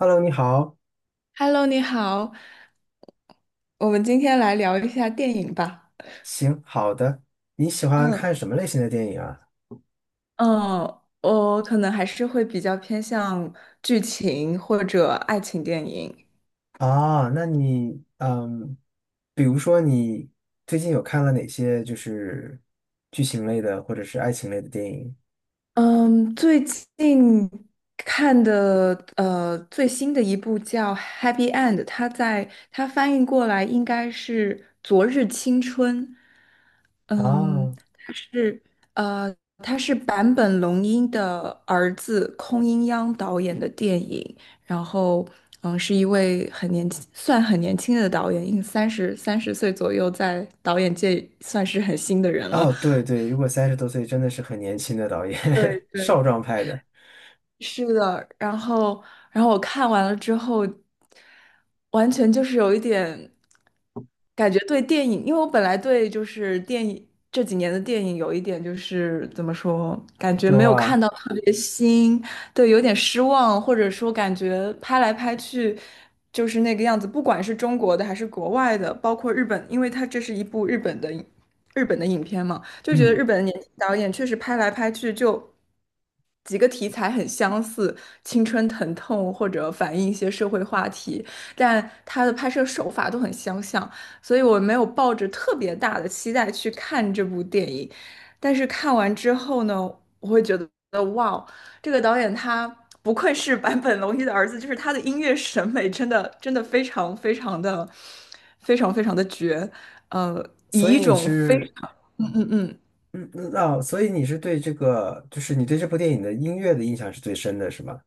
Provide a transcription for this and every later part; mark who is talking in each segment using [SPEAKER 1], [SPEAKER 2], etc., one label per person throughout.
[SPEAKER 1] Hello，你好，
[SPEAKER 2] Hello，你好，我们今天来聊一下电影吧。
[SPEAKER 1] 行，好的。你喜欢
[SPEAKER 2] 嗯
[SPEAKER 1] 看什么类型的电影啊？
[SPEAKER 2] 嗯，我可能还是会比较偏向剧情或者爱情电影。
[SPEAKER 1] 啊，那你，比如说你最近有看了哪些就是剧情类的或者是爱情类的电影？
[SPEAKER 2] 嗯，最近看的最新的一部叫《Happy End》，它翻译过来应该是《昨日青春》。嗯，
[SPEAKER 1] 啊，
[SPEAKER 2] 它是呃，它是坂本龙一的儿子空音央导演的电影，然后是一位很年轻，算很年轻的导演，应三十三十岁左右，在导演界算是很新的人了。
[SPEAKER 1] 哦，对对，如果三十多岁真的是很年轻的导演，
[SPEAKER 2] 对
[SPEAKER 1] 少
[SPEAKER 2] 对，
[SPEAKER 1] 壮派的，
[SPEAKER 2] 是的，然后我看完了之后，完全就是有一点感觉对电影，因为我本来对就是电影这几年的电影有一点就是怎么说，感觉
[SPEAKER 1] 是
[SPEAKER 2] 没有看
[SPEAKER 1] 吧？
[SPEAKER 2] 到特别新，对，有点失望，或者说感觉拍来拍去就是那个样子，不管是中国的还是国外的，包括日本，因为它这是一部日本的影片嘛，就觉得
[SPEAKER 1] 嗯，
[SPEAKER 2] 日本的年轻导演确实拍来拍去就。几个题材很相似，青春疼痛或者反映一些社会话题，但它的拍摄手法都很相像，所以我没有抱着特别大的期待去看这部电影。但是看完之后呢，我会觉得哇哦，这个导演他不愧是坂本龙一的儿子，就是他的音乐审美真的真的非常非常的绝，呃，以
[SPEAKER 1] 所
[SPEAKER 2] 一
[SPEAKER 1] 以你
[SPEAKER 2] 种非
[SPEAKER 1] 是，
[SPEAKER 2] 常嗯嗯
[SPEAKER 1] 嗯，哦所以你是对这个，就是你对这部电影的音乐的印象是最深的，是吗？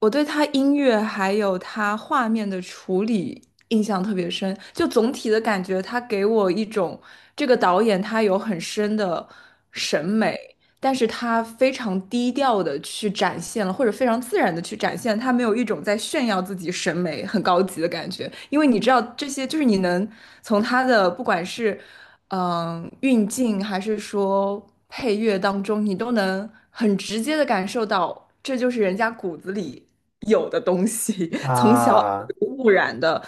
[SPEAKER 2] 我对他音乐还有他画面的处理印象特别深，就总体的感觉，他给我一种这个导演他有很深的审美，但是他非常低调的去展现了，或者非常自然的去展现，他没有一种在炫耀自己审美很高级的感觉，因为你知道这些，就是你能从他的不管是运镜还是说配乐当中，你都能很直接的感受到，这就是人家骨子里有的东西，从小耳
[SPEAKER 1] 啊
[SPEAKER 2] 濡目染的，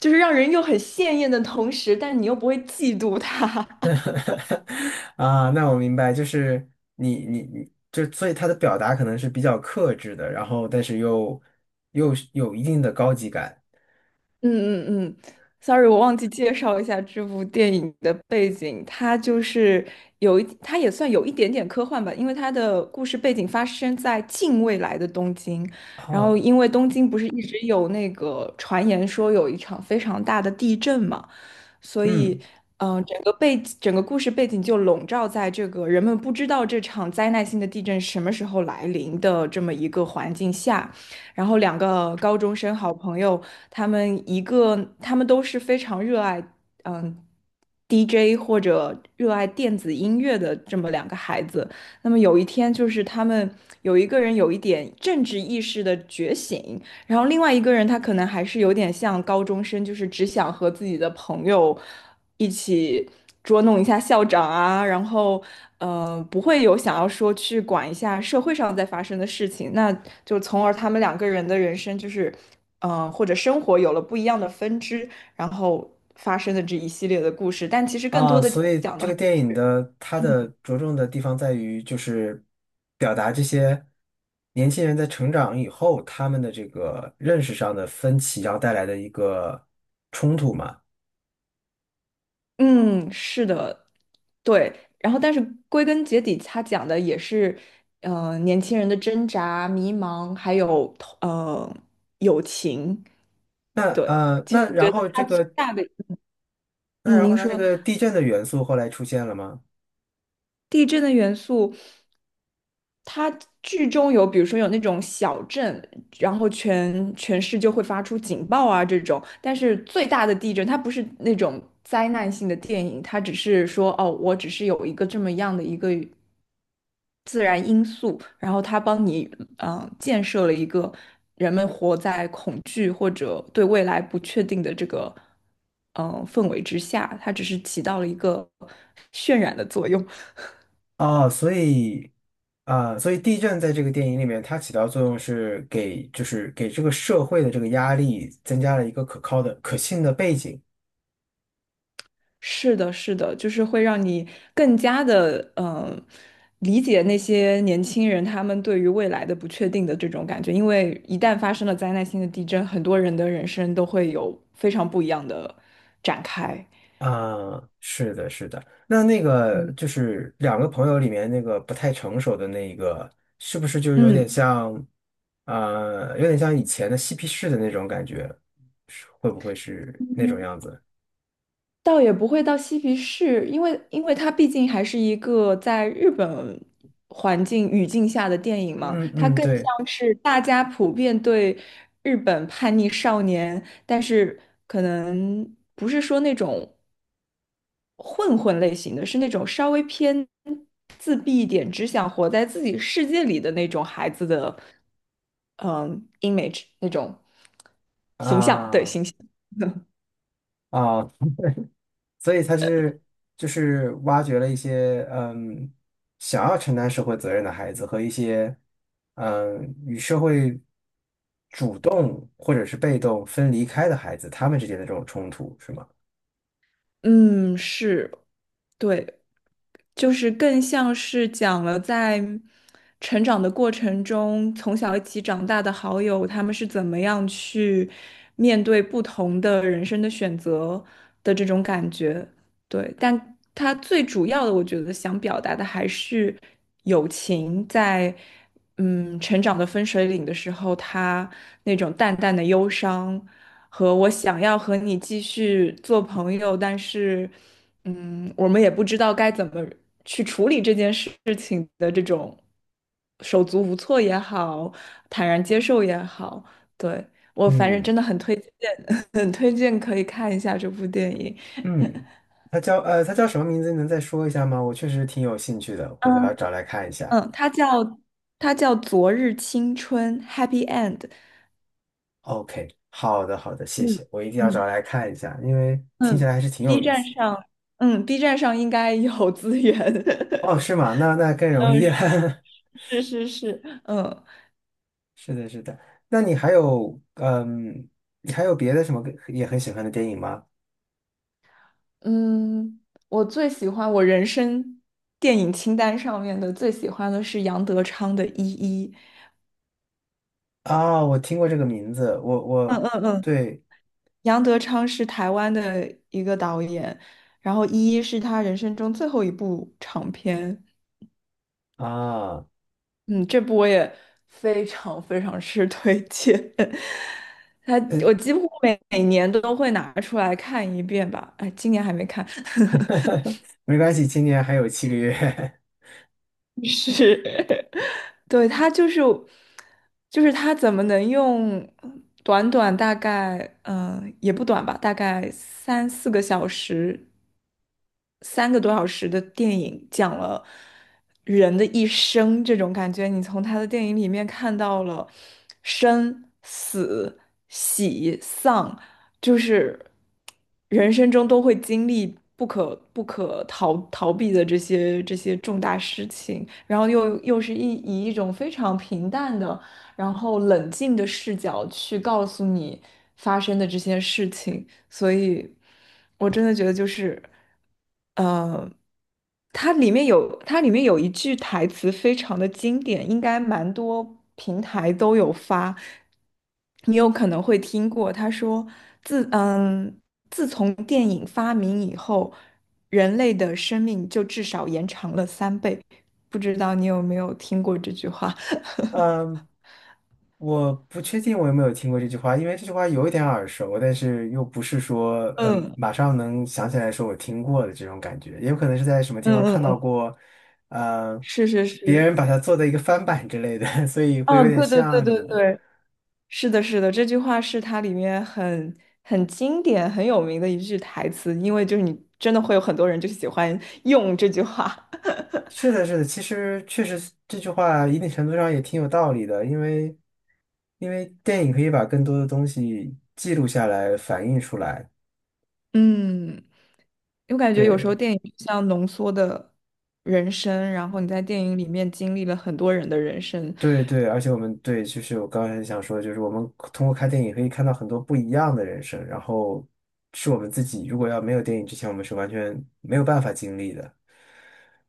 [SPEAKER 2] 就是让人又很鲜艳的同时，但你又不会嫉妒他。
[SPEAKER 1] 啊，那我明白，就是你，就所以他的表达可能是比较克制的，然后但是又是有一定的高级感
[SPEAKER 2] 嗯嗯嗯，sorry，我忘记介绍一下这部电影的背景。它也算有一点点科幻吧，因为它的故事背景发生在近未来的东京。然后，
[SPEAKER 1] 啊，
[SPEAKER 2] 因为东京不是一直有那个传言说有一场非常大的地震嘛，所以，
[SPEAKER 1] 嗯
[SPEAKER 2] 整个故事背景就笼罩在这个人们不知道这场灾难性的地震什么时候来临的这么一个环境下。然后，两个高中生好朋友，他们都是非常热爱嗯 DJ 或者热爱电子音乐的这么两个孩子。那么有一天，就是他们有一个人有一点政治意识的觉醒，然后另外一个人他可能还是有点像高中生，就是只想和自己的朋友一起捉弄一下校长啊，然后不会有想要说去管一下社会上在发生的事情，那就从而他们两个人的人生就是或者生活有了不一样的分支，然后发生的这一系列的故事，但其实更
[SPEAKER 1] 啊，
[SPEAKER 2] 多的
[SPEAKER 1] 所以
[SPEAKER 2] 讲
[SPEAKER 1] 这
[SPEAKER 2] 的，
[SPEAKER 1] 个电影的它的着重的地方在于就是表达这些年轻人在成长以后他们的这个认识上的分歧，然后带来的一个冲突嘛。
[SPEAKER 2] 嗯，是的。对，然后但是归根结底，他讲的也是，年轻人的挣扎、迷茫，还有呃友情。
[SPEAKER 1] 那
[SPEAKER 2] 对，
[SPEAKER 1] 呃，那
[SPEAKER 2] 觉
[SPEAKER 1] 然
[SPEAKER 2] 得
[SPEAKER 1] 后
[SPEAKER 2] 它
[SPEAKER 1] 这
[SPEAKER 2] 最
[SPEAKER 1] 个
[SPEAKER 2] 大的。
[SPEAKER 1] 那然后
[SPEAKER 2] 您
[SPEAKER 1] 它这
[SPEAKER 2] 说
[SPEAKER 1] 个地震的元素后来出现了吗？
[SPEAKER 2] 地震的元素，它剧中有，比如说有那种小震，然后全市就会发出警报啊这种，但是最大的地震，它不是那种灾难性的电影，它只是说哦，我只是有一个这么样的一个。自然因素，然后它帮你建设了一个人们活在恐惧或者对未来不确定的这个氛围之下，它只是起到了一个渲染的作用。
[SPEAKER 1] 啊，所以啊，所以地震在这个电影里面，它起到作用是给，就是给这个社会的这个压力增加了一个可靠的、可信的背景。
[SPEAKER 2] 是的，是的，就是会让你更加的理解那些年轻人他们对于未来的不确定的这种感觉，因为一旦发生了灾难性的地震，很多人的人生都会有非常不一样的展开。
[SPEAKER 1] 啊，是的，是的。那那个就
[SPEAKER 2] 嗯
[SPEAKER 1] 是两个朋友里面那个不太成熟的那一个，是不是就有点像，有点像以前的嬉皮士的那种感觉？是会不会是那种
[SPEAKER 2] 嗯。
[SPEAKER 1] 样子？
[SPEAKER 2] 倒也不会到嬉皮士，因为它毕竟还是一个在日本环境语境下的电影嘛，
[SPEAKER 1] 嗯
[SPEAKER 2] 它
[SPEAKER 1] 嗯，
[SPEAKER 2] 更
[SPEAKER 1] 对
[SPEAKER 2] 像是大家普遍对日本叛逆少年，但是可能不是说那种混混类型的，是那种稍微偏自闭一点，只想活在自己世界里的那种孩子的，嗯，image 那种
[SPEAKER 1] 啊
[SPEAKER 2] 形象，对，
[SPEAKER 1] 啊。
[SPEAKER 2] 形象。
[SPEAKER 1] 哦所以他是就是挖掘了一些想要承担社会责任的孩子和一些与社会主动或者是被动分离开的孩子，他们之间的这种冲突是吗？
[SPEAKER 2] 嗯，是对，就是更像是讲了在成长的过程中，从小一起长大的好友，他们是怎么样去面对不同的人生的选择的这种感觉。对，但他最主要的，我觉得想表达的还是友情在成长的分水岭的时候，他那种淡淡的忧伤，和我想要和你继续做朋友，但是，我们也不知道该怎么去处理这件事情的这种手足无措也好，坦然接受也好，对，我反正
[SPEAKER 1] 嗯
[SPEAKER 2] 真的很推荐，很推荐可以看一下这部电影。
[SPEAKER 1] 嗯，他叫他叫什么名字？你能再说一下吗？我确实挺有兴趣的，回头要
[SPEAKER 2] 嗯
[SPEAKER 1] 找来看一下。
[SPEAKER 2] 嗯，它叫它叫《昨日青春》（Happy End）。
[SPEAKER 1] OK，好的好的，谢
[SPEAKER 2] 嗯
[SPEAKER 1] 谢，我一定要
[SPEAKER 2] 嗯
[SPEAKER 1] 找来看一下，因为听起
[SPEAKER 2] 嗯
[SPEAKER 1] 来还是挺有
[SPEAKER 2] ，B
[SPEAKER 1] 意
[SPEAKER 2] 站
[SPEAKER 1] 思的。
[SPEAKER 2] 上，，B 站上应该有资源。
[SPEAKER 1] 哦，是吗？那那更 容
[SPEAKER 2] 嗯，
[SPEAKER 1] 易啊。
[SPEAKER 2] 是是是，
[SPEAKER 1] 是的，是的。那你还有，嗯，你还有别的什么也很喜欢的电影吗？
[SPEAKER 2] 嗯，我最喜欢我人生电影清单上面的最喜欢的是杨德昌的《一一》。
[SPEAKER 1] 啊，我听过这个名字，我
[SPEAKER 2] 嗯
[SPEAKER 1] 我
[SPEAKER 2] 嗯嗯，
[SPEAKER 1] 对
[SPEAKER 2] 杨德昌是台湾的一个导演，然后《一一》是他人生中最后一部长片。
[SPEAKER 1] 啊，
[SPEAKER 2] 嗯，这部我也非常非常是推荐。他
[SPEAKER 1] 呃
[SPEAKER 2] 我几乎每年都会拿出来看一遍吧，哎，今年还没看。
[SPEAKER 1] 没关系，今年还有7个月。
[SPEAKER 2] 是，对，他就是，就是他怎么能用短短大概，也不短吧，大概三个多小时的电影，讲了人的一生这种感觉。你从他的电影里面看到了生、死、喜、丧，就是人生中都会经历不可逃避的这些重大事情，然后又以一种非常平淡的，然后冷静的视角去告诉你发生的这些事情。所以我真的觉得就是，呃，它里面有一句台词非常的经典，应该蛮多平台都有发，你有可能会听过。他说：“自嗯，自从电影发明以后，人类的生命就至少延长了3倍。"不知道你有没有听过这句话？
[SPEAKER 1] 嗯，我不确定我有没有听过这句话，因为这句话有一点耳熟，但是又不是说，嗯，
[SPEAKER 2] 嗯
[SPEAKER 1] 马上能想起来说我听过的这种感觉，也有可能是在什么地
[SPEAKER 2] 嗯
[SPEAKER 1] 方
[SPEAKER 2] 嗯
[SPEAKER 1] 看到
[SPEAKER 2] 嗯，
[SPEAKER 1] 过，嗯，
[SPEAKER 2] 是是
[SPEAKER 1] 别
[SPEAKER 2] 是，
[SPEAKER 1] 人把它做的一个翻版之类的，所以会有
[SPEAKER 2] 嗯，
[SPEAKER 1] 点
[SPEAKER 2] 对对对
[SPEAKER 1] 像什
[SPEAKER 2] 对
[SPEAKER 1] 么的。
[SPEAKER 2] 对，是的，是的，这句话是它里面很经典、很有名的一句台词，因为就是你真的会有很多人就喜欢 用这句话。
[SPEAKER 1] 是的，是的，其实确实是这句话一定程度上也挺有道理的，因为电影可以把更多的东西记录下来，反映出来。
[SPEAKER 2] 嗯，我感觉有时候
[SPEAKER 1] 对，
[SPEAKER 2] 电影就像浓缩的人生，然后你在电影里面经历了很多人的人生。
[SPEAKER 1] 对，对，而且我们对，就是我刚才想说的就是我们通过看电影可以看到很多不一样的人生，然后是我们自己如果要没有电影之前，我们是完全没有办法经历的。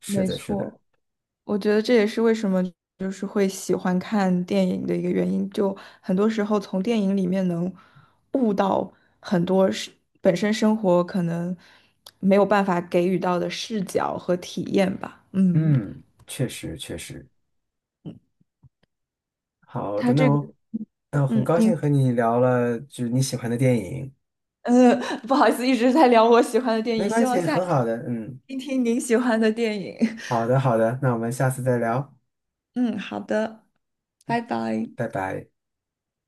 [SPEAKER 1] 是
[SPEAKER 2] 没
[SPEAKER 1] 的，是的，
[SPEAKER 2] 错。我觉得这也是为什么就是会喜欢看电影的一个原因，就很多时候从电影里面能悟到很多是本身生活可能没有办法给予到的视角和体验吧。嗯，
[SPEAKER 1] 嗯，确实，确实，好的，
[SPEAKER 2] 他这个，
[SPEAKER 1] 那我很
[SPEAKER 2] 嗯，
[SPEAKER 1] 高兴
[SPEAKER 2] 您，
[SPEAKER 1] 和你聊了，就是你喜欢的电影。
[SPEAKER 2] 呃，不好意思，一直在聊我喜欢的电
[SPEAKER 1] 没
[SPEAKER 2] 影，希
[SPEAKER 1] 关系，
[SPEAKER 2] 望下次
[SPEAKER 1] 很好的，嗯，
[SPEAKER 2] 听听您喜欢的电影。
[SPEAKER 1] 好 的，好的，那我们下次再聊，
[SPEAKER 2] 嗯，好的，拜拜。
[SPEAKER 1] 拜拜。